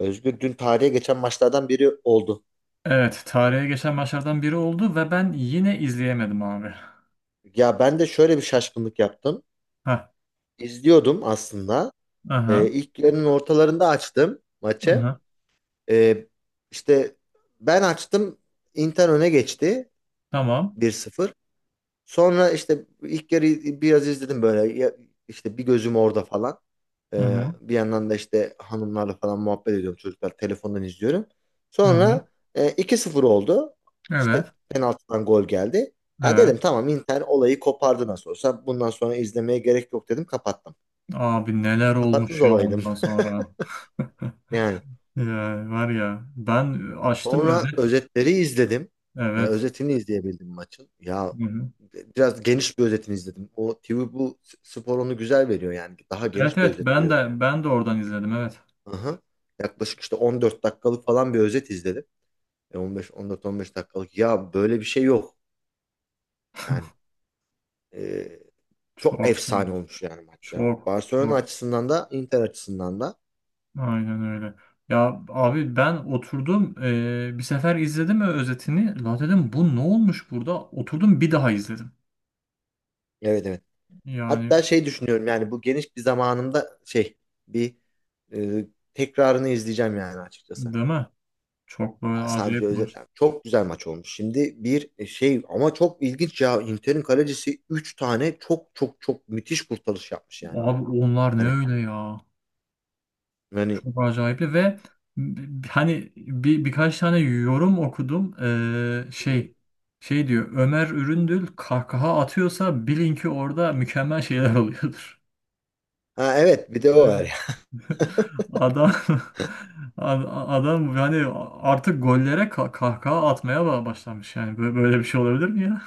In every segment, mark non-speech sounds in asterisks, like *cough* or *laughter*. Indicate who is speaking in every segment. Speaker 1: Özgür, dün tarihe geçen maçlardan biri oldu.
Speaker 2: Evet, tarihe geçen maçlardan biri oldu ve ben yine izleyemedim abi.
Speaker 1: Ya ben de şöyle bir şaşkınlık yaptım.
Speaker 2: Ha,
Speaker 1: İzliyordum aslında.
Speaker 2: aha,
Speaker 1: İlk yarının ortalarında açtım maçı.
Speaker 2: aha,
Speaker 1: Ee, işte Ben açtım. Inter öne geçti,
Speaker 2: tamam.
Speaker 1: bir sıfır. Sonra işte ilk yarı biraz izledim böyle. Bir gözüm orada falan.
Speaker 2: Hı hı,
Speaker 1: Bir yandan da işte hanımlarla falan muhabbet ediyorum, çocuklar telefondan izliyorum.
Speaker 2: hı hı.
Speaker 1: Sonra 2-0 oldu. İşte
Speaker 2: Evet,
Speaker 1: penaltıdan gol geldi. Ya
Speaker 2: evet.
Speaker 1: dedim, tamam, Inter olayı kopardı nasıl olsa. Bundan sonra izlemeye gerek yok dedim, kapattım.
Speaker 2: Abi, neler
Speaker 1: Kapatmış
Speaker 2: olmuş ya
Speaker 1: olaydım
Speaker 2: ondan sonra. *laughs*
Speaker 1: *laughs* yani.
Speaker 2: Ya, var ya, ben açtım
Speaker 1: Sonra
Speaker 2: özet.
Speaker 1: özetleri izledim. Yani
Speaker 2: Evet.
Speaker 1: özetini izleyebildim maçın. Ya
Speaker 2: Hı hı.
Speaker 1: biraz geniş bir özetini izledim. O TV bu spor onu güzel veriyor yani. Daha
Speaker 2: Evet,
Speaker 1: geniş bir
Speaker 2: evet,
Speaker 1: özet
Speaker 2: ben
Speaker 1: veriyor.
Speaker 2: de ben de oradan izledim, evet.
Speaker 1: Aha. Yaklaşık işte 14 dakikalık falan bir özet izledim. 15, 14-15 dakikalık. Ya böyle bir şey yok. Yani e, Çok
Speaker 2: Çok film.
Speaker 1: efsane olmuş yani maç ya.
Speaker 2: Çok
Speaker 1: Barcelona
Speaker 2: çok.
Speaker 1: açısından da Inter açısından da.
Speaker 2: Aynen öyle. Ya abi, ben oturdum bir sefer izledim özetini. La dedim, bu ne olmuş burada? Oturdum bir daha izledim.
Speaker 1: Evet, evet.
Speaker 2: Yani,
Speaker 1: Hatta şey düşünüyorum, yani bu geniş bir zamanımda bir e, tekrarını izleyeceğim yani açıkçası.
Speaker 2: değil mi? Çok böyle
Speaker 1: Sadece
Speaker 2: acayip maç.
Speaker 1: özetler. Çok güzel maç olmuş. Şimdi bir e, şey ama çok ilginç ya. Inter'in kalecisi 3 tane çok çok çok müthiş kurtarış yapmış yani ama.
Speaker 2: Abi onlar ne
Speaker 1: Hani
Speaker 2: öyle ya?
Speaker 1: hani
Speaker 2: Çok acayipli ve hani birkaç tane yorum okudum.
Speaker 1: Hı hı.
Speaker 2: Şey diyor, Ömer Üründül kahkaha atıyorsa bilin ki orada mükemmel şeyler oluyordur.
Speaker 1: Ha, evet, bir de o var ya.
Speaker 2: *laughs*
Speaker 1: *laughs*
Speaker 2: Adam *laughs* adam yani artık gollere kahkaha atmaya başlamış yani. Böyle bir şey olabilir mi ya?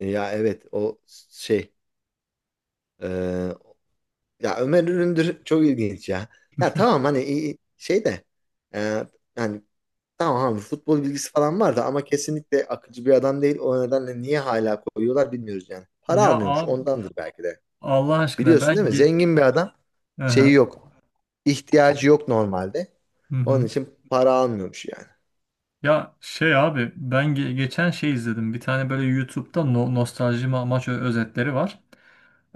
Speaker 1: Ya evet o şey e, Ya Ömer Üründür çok ilginç ya. Ya tamam hani iyi- şey de e, yani Tamam abi, futbol bilgisi falan vardı ama kesinlikle akıcı bir adam değil. O nedenle niye hala koyuyorlar bilmiyoruz yani. Para
Speaker 2: Ya
Speaker 1: almıyormuş,
Speaker 2: abi,
Speaker 1: ondandır belki de.
Speaker 2: Allah aşkına,
Speaker 1: Biliyorsun değil
Speaker 2: ben
Speaker 1: mi?
Speaker 2: geç.
Speaker 1: Zengin bir adam,
Speaker 2: Hı
Speaker 1: şeyi
Speaker 2: hı.
Speaker 1: yok. İhtiyacı yok normalde. Onun
Speaker 2: Hı.
Speaker 1: için para almıyormuş yani.
Speaker 2: Ya şey abi, ben geçen şey izledim. Bir tane böyle YouTube'da nostalji maç özetleri var.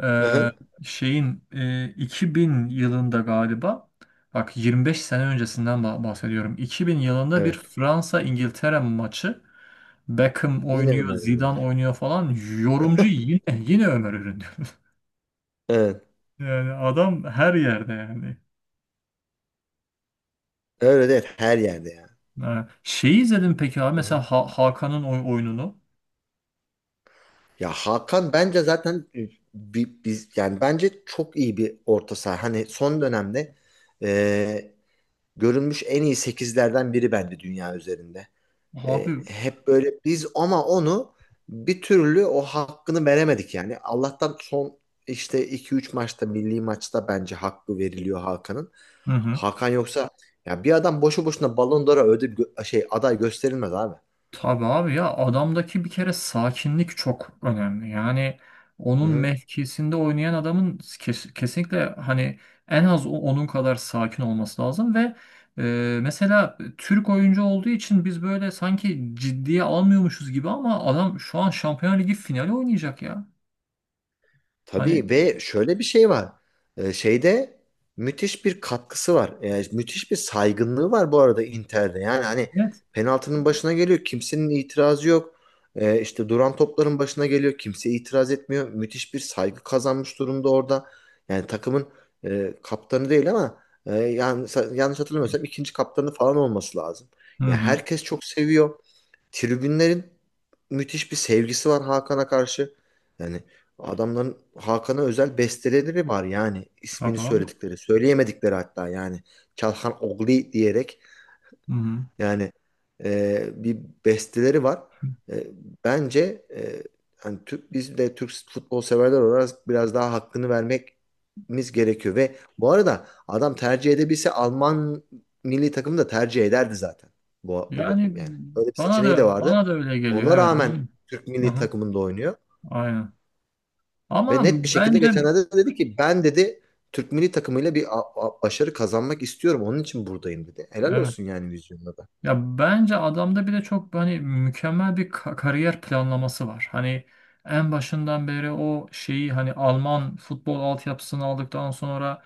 Speaker 2: Ee,
Speaker 1: Hı-hı.
Speaker 2: şeyin 2000 yılında galiba, bak, 25 sene öncesinden bahsediyorum. 2000 yılında bir
Speaker 1: Evet.
Speaker 2: Fransa İngiltere maçı. Beckham
Speaker 1: Yine
Speaker 2: oynuyor,
Speaker 1: Ömer
Speaker 2: Zidane
Speaker 1: Üründür.
Speaker 2: oynuyor falan. Yorumcu
Speaker 1: *laughs*
Speaker 2: yine Ömer Ürün diyor. *laughs*
Speaker 1: Evet.
Speaker 2: Yani adam her yerde yani.
Speaker 1: Öyle değil. Her yerde yani.
Speaker 2: Ha, şeyi izledin peki abi, mesela
Speaker 1: Hı-hı.
Speaker 2: Hakan'ın oyununu.
Speaker 1: Hakan bence zaten biz yani bence çok iyi bir orta saha. Hani son dönemde e, görülmüş en iyi sekizlerden biri bence dünya üzerinde. E,
Speaker 2: Abi,
Speaker 1: hep böyle biz ama onu bir türlü o hakkını veremedik yani. Allah'tan son işte iki üç maçta, milli maçta bence hakkı veriliyor Hakan'ın.
Speaker 2: hı hı.
Speaker 1: Hakan yoksa ya bir adam boşu boşuna Ballon d'Or'a ödül gö- şey aday gösterilmez abi.
Speaker 2: Tabii abi, ya adamdaki bir kere sakinlik çok önemli. Yani onun
Speaker 1: Hı.
Speaker 2: mevkisinde oynayan adamın kesinlikle, hani, en az onun kadar sakin olması lazım ve mesela Türk oyuncu olduğu için biz böyle sanki ciddiye almıyormuşuz gibi ama adam şu an Şampiyonlar Ligi finali oynayacak ya. Hani,
Speaker 1: Tabii, ve şöyle bir şey var. Şeyde Müthiş bir katkısı var. Yani müthiş bir saygınlığı var bu arada Inter'de. Yani hani
Speaker 2: net.
Speaker 1: penaltının başına geliyor, kimsenin itirazı yok. Duran topların başına geliyor, kimse itiraz etmiyor. Müthiş bir saygı kazanmış durumda orada. Yani takımın kaptanı değil ama yanlış hatırlamıyorsam ikinci kaptanı falan olması lazım.
Speaker 2: Hı
Speaker 1: Ya
Speaker 2: hı.
Speaker 1: herkes çok seviyor. Tribünlerin müthiş bir sevgisi var Hakan'a karşı. Yani adamların Hakan'a özel besteleri var yani, ismini
Speaker 2: Tabii abi.
Speaker 1: söyledikleri, söyleyemedikleri hatta yani Çalhan Ogli diyerek
Speaker 2: Hı hı.
Speaker 1: yani e, bir besteleri var. E, bence hani Türk, biz de Türk futbol severler olarak biraz daha hakkını vermemiz gerekiyor. Ve bu arada adam tercih edebilse Alman milli takımı da tercih ederdi zaten. Bu, bu
Speaker 2: Yani
Speaker 1: yani Öyle bir
Speaker 2: bana
Speaker 1: seçeneği de
Speaker 2: da
Speaker 1: vardı.
Speaker 2: bana da öyle geliyor.
Speaker 1: Ona rağmen
Speaker 2: Evet.
Speaker 1: Türk
Speaker 2: Hı
Speaker 1: milli
Speaker 2: hı.
Speaker 1: takımında oynuyor.
Speaker 2: Aynen. Ama
Speaker 1: Ve net bir şekilde
Speaker 2: bence
Speaker 1: geçenlerde dedi ki, ben dedi Türk milli takımıyla bir başarı kazanmak istiyorum. Onun için buradayım dedi. Helal
Speaker 2: evet.
Speaker 1: olsun yani vizyonda da.
Speaker 2: Ya bence adamda bir de çok, hani, mükemmel bir kariyer planlaması var. Hani en başından beri o şeyi, hani, Alman futbol altyapısını aldıktan sonra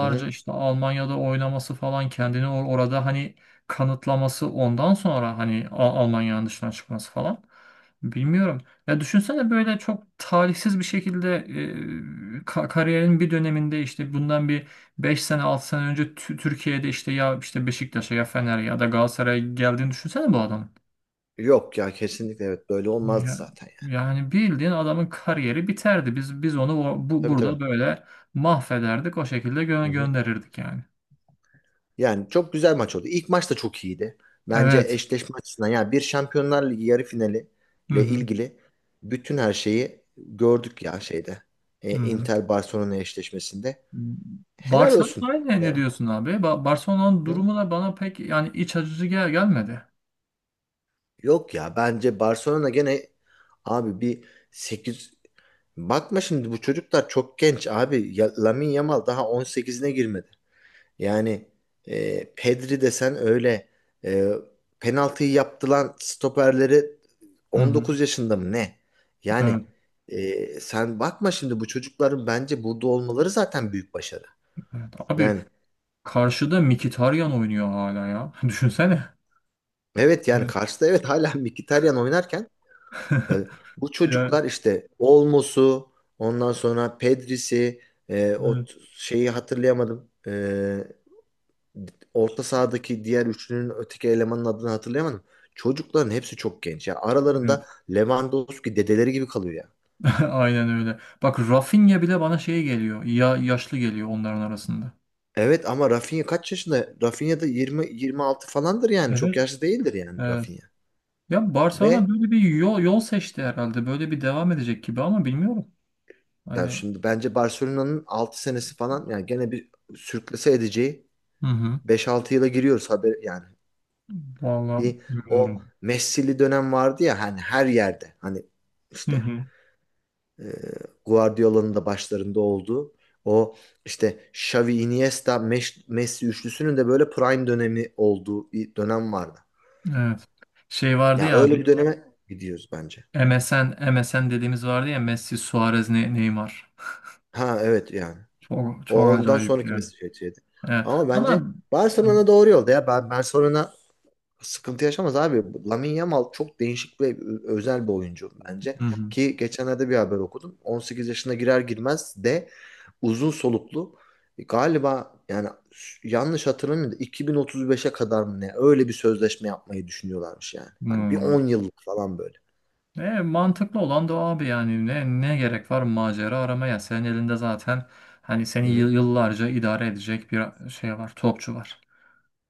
Speaker 1: Hı hı.
Speaker 2: işte Almanya'da oynaması falan, kendini orada, hani, kanıtlaması, ondan sonra, hani, Almanya'nın dışına çıkması falan. Bilmiyorum. Ya düşünsene, böyle çok talihsiz bir şekilde, kariyerin bir döneminde, işte bundan bir beş sene 6 sene önce Türkiye'de, işte, ya işte Beşiktaş'a, ya Fener'e ya da Galatasaray'a geldiğini düşünsene bu adamın.
Speaker 1: Yok ya, kesinlikle evet, böyle olmazdı
Speaker 2: Ya,
Speaker 1: zaten yani.
Speaker 2: yani bildiğin adamın kariyeri biterdi. Biz onu bu,
Speaker 1: Tabii,
Speaker 2: burada
Speaker 1: tabii.
Speaker 2: böyle mahvederdik. O şekilde
Speaker 1: Hı hı.
Speaker 2: gönderirdik yani.
Speaker 1: Yani çok güzel maç oldu. İlk maç da çok iyiydi. Bence
Speaker 2: Evet.
Speaker 1: eşleşme açısından yani bir Şampiyonlar Ligi yarı finali
Speaker 2: Hı
Speaker 1: ile
Speaker 2: hı.
Speaker 1: ilgili bütün her şeyi gördük ya şeyde. E,
Speaker 2: Hı hı.
Speaker 1: Inter Barcelona eşleşmesinde. Helal olsun.
Speaker 2: Barcelona ne
Speaker 1: Ya.
Speaker 2: diyorsun abi? Barcelona'nın
Speaker 1: Hı?
Speaker 2: durumu da bana pek yani iç acıcı gelmedi.
Speaker 1: Yok ya bence Barcelona gene abi bir 8 bakma şimdi, bu çocuklar çok genç abi. Ya, Lamine Yamal daha 18'ine girmedi. Yani Pedri desen öyle e, penaltıyı yaptılan stoperleri
Speaker 2: Hı hı.
Speaker 1: 19 yaşında mı ne? Yani
Speaker 2: Evet,
Speaker 1: Sen bakma şimdi, bu çocukların bence burada olmaları zaten büyük başarı.
Speaker 2: evet. Abi,
Speaker 1: Yani
Speaker 2: karşıda Mkhitaryan oynuyor hala ya. *laughs* Düşünsene.
Speaker 1: evet, yani karşıda evet hala *laughs* Mkhitaryan oynarken e,
Speaker 2: *laughs*
Speaker 1: bu
Speaker 2: Ya,
Speaker 1: çocuklar işte Olmos'u, ondan sonra Pedri'si, e, o
Speaker 2: evet.
Speaker 1: t- şeyi hatırlayamadım. E, orta sahadaki diğer üçlünün öteki elemanın adını hatırlayamadım. Çocukların hepsi çok genç. Ya
Speaker 2: Evet.
Speaker 1: aralarında Lewandowski dedeleri gibi kalıyor ya.
Speaker 2: *laughs* Aynen öyle. Bak, Rafinha bile bana şey geliyor. Ya, yaşlı geliyor onların arasında.
Speaker 1: Evet ama Rafinha kaç yaşında? Rafinha da 20 26 falandır yani. Çok
Speaker 2: Evet.
Speaker 1: yaşlı değildir yani
Speaker 2: Evet.
Speaker 1: Rafinha.
Speaker 2: Ya Barcelona
Speaker 1: Ve
Speaker 2: böyle bir yol seçti herhalde. Böyle bir devam edecek gibi ama bilmiyorum.
Speaker 1: ya
Speaker 2: Hani,
Speaker 1: şimdi bence Barcelona'nın 6 senesi falan yani gene bir sürklese edeceği
Speaker 2: hı hı.
Speaker 1: beş altı yıla giriyoruz haber yani.
Speaker 2: Vallahi
Speaker 1: Bir o
Speaker 2: bilmiyorum.
Speaker 1: Messi'li dönem vardı ya, hani her yerde. Hani
Speaker 2: Hı
Speaker 1: işte
Speaker 2: hı.
Speaker 1: e, Guardiola'nın da başlarında olduğu o işte Xavi, Iniesta, Messi üçlüsünün de böyle prime dönemi olduğu bir dönem vardı.
Speaker 2: Evet. Şey vardı
Speaker 1: Ya
Speaker 2: ya
Speaker 1: öyle bir
Speaker 2: abi.
Speaker 1: döneme gidiyoruz bence.
Speaker 2: M S N dediğimiz vardı ya, Messi, Suarez, Neymar.
Speaker 1: Ha evet yani.
Speaker 2: Çok,
Speaker 1: O
Speaker 2: çok
Speaker 1: ondan
Speaker 2: acayip
Speaker 1: sonraki
Speaker 2: yani.
Speaker 1: Messi şeydi.
Speaker 2: Evet.
Speaker 1: Ama bence
Speaker 2: Ama,
Speaker 1: Barcelona doğru yolda ya. Ben Barcelona sıkıntı yaşamaz abi. Lamine Yamal çok değişik ve özel bir oyuncu bence.
Speaker 2: hı hı.
Speaker 1: Ki geçenlerde bir haber okudum. 18 yaşına girer girmez de uzun soluklu galiba yani yanlış hatırlamıyorum da 2035'e kadar mı ne öyle bir sözleşme yapmayı düşünüyorlarmış yani. Yani
Speaker 2: Hı.
Speaker 1: bir 10 yıllık falan böyle.
Speaker 2: Mantıklı olan da o abi, yani ne gerek var macera aramaya? Senin elinde zaten, hani,
Speaker 1: Hı
Speaker 2: seni
Speaker 1: hı.
Speaker 2: yıllarca idare edecek bir şey var, topçu var.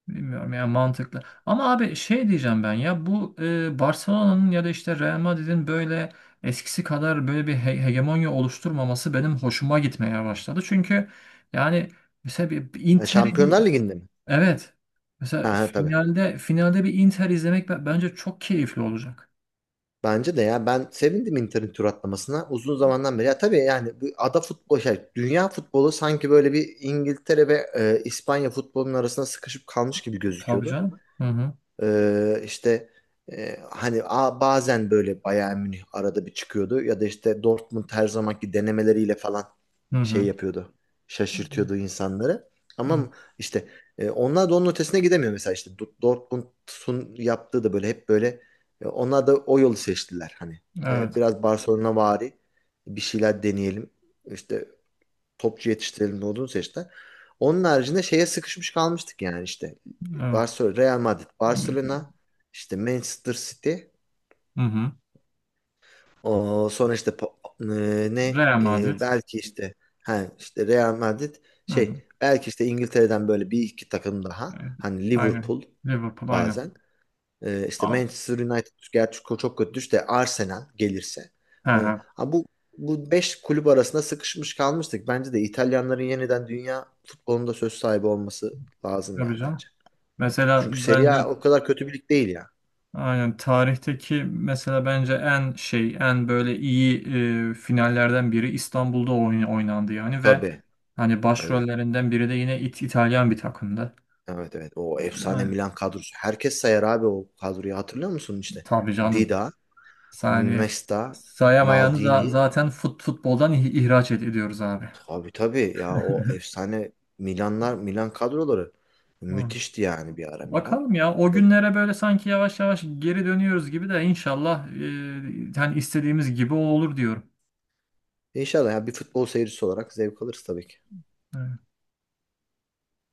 Speaker 2: Bilmiyorum ya, mantıklı. Ama abi, şey diyeceğim ben, ya bu Barcelona'nın ya da işte Real Madrid'in böyle eskisi kadar böyle bir hegemonya oluşturmaması benim hoşuma gitmeye başladı. Çünkü, yani, mesela bir
Speaker 1: Ha,
Speaker 2: Inter'i bir,
Speaker 1: Şampiyonlar Ligi'nde mi?
Speaker 2: evet, mesela
Speaker 1: Ha, ha, tabii.
Speaker 2: finalde bir Inter izlemek bence çok keyifli olacak.
Speaker 1: Bence de ya ben sevindim Inter'in tur atlamasına uzun zamandan beri. Ya tabii yani bu ada futbolu şey, dünya futbolu sanki böyle bir İngiltere ve İspanya futbolunun arasında sıkışıp kalmış gibi
Speaker 2: Tabii
Speaker 1: gözüküyordu.
Speaker 2: canım. Hı hı.
Speaker 1: İşte e, hani bazen böyle Bayern Münih arada bir çıkıyordu ya da işte Dortmund her zamanki denemeleriyle falan
Speaker 2: Hı
Speaker 1: şey
Speaker 2: hı.
Speaker 1: yapıyordu. Şaşırtıyordu insanları. Ama
Speaker 2: Evet,
Speaker 1: işte onlar da onun ötesine gidemiyor, mesela işte Dortmund'un yaptığı da böyle hep böyle onlar da o yolu seçtiler hani. E,
Speaker 2: evet.
Speaker 1: biraz Barcelona vari bir şeyler deneyelim. İşte topçu yetiştirelim ne olduğunu seçtiler. Onun haricinde şeye sıkışmış kalmıştık yani işte.
Speaker 2: Evet.
Speaker 1: Barcelona, Real Madrid,
Speaker 2: Mesela-
Speaker 1: Barcelona, işte Manchester City.
Speaker 2: Hı hı.
Speaker 1: O sonra işte po- e, ne
Speaker 2: Real
Speaker 1: e,
Speaker 2: Madrid.
Speaker 1: belki işte Ha, işte Real Madrid,
Speaker 2: Hı hı.
Speaker 1: şey, belki işte İngiltere'den böyle bir iki takım daha,
Speaker 2: Evet.
Speaker 1: hani
Speaker 2: Aynen.
Speaker 1: Liverpool
Speaker 2: Liverpool, aynen.
Speaker 1: bazen.
Speaker 2: A-
Speaker 1: Manchester United gerçi çok kötü düştü de Arsenal gelirse.
Speaker 2: He
Speaker 1: Yani,
Speaker 2: he.
Speaker 1: ha bu 5 kulüp arasında sıkışmış kalmıştık. Bence de İtalyanların yeniden dünya futbolunda söz sahibi olması lazım ya
Speaker 2: Tabii canım.
Speaker 1: bence.
Speaker 2: Mesela
Speaker 1: Çünkü Serie
Speaker 2: bence,
Speaker 1: A o kadar kötü bir lig değil ya.
Speaker 2: aynen, tarihteki mesela, bence, en şey, en böyle iyi finallerden biri İstanbul'da oynandı yani, ve,
Speaker 1: Tabii.
Speaker 2: hani,
Speaker 1: Evet.
Speaker 2: başrollerinden biri de yine İtalyan bir takımdı.
Speaker 1: Evet, evet. O efsane
Speaker 2: Yani,
Speaker 1: Milan kadrosu. Herkes sayar abi o kadroyu. Hatırlıyor musun işte?
Speaker 2: tabii canım.
Speaker 1: Dida,
Speaker 2: Yani
Speaker 1: Nesta,
Speaker 2: sayamayanı
Speaker 1: Maldini,
Speaker 2: zaten futboldan ihraç ediyoruz abi.
Speaker 1: tabii tabii ya, o
Speaker 2: *laughs*
Speaker 1: efsane Milanlar, Milan kadroları
Speaker 2: Hı.
Speaker 1: müthişti yani bir ara Milan.
Speaker 2: Bakalım ya, o
Speaker 1: E,
Speaker 2: günlere böyle sanki yavaş yavaş geri dönüyoruz gibi, de inşallah, yani istediğimiz gibi o olur diyorum.
Speaker 1: İnşallah ya, bir futbol seyircisi olarak zevk alırız tabii ki.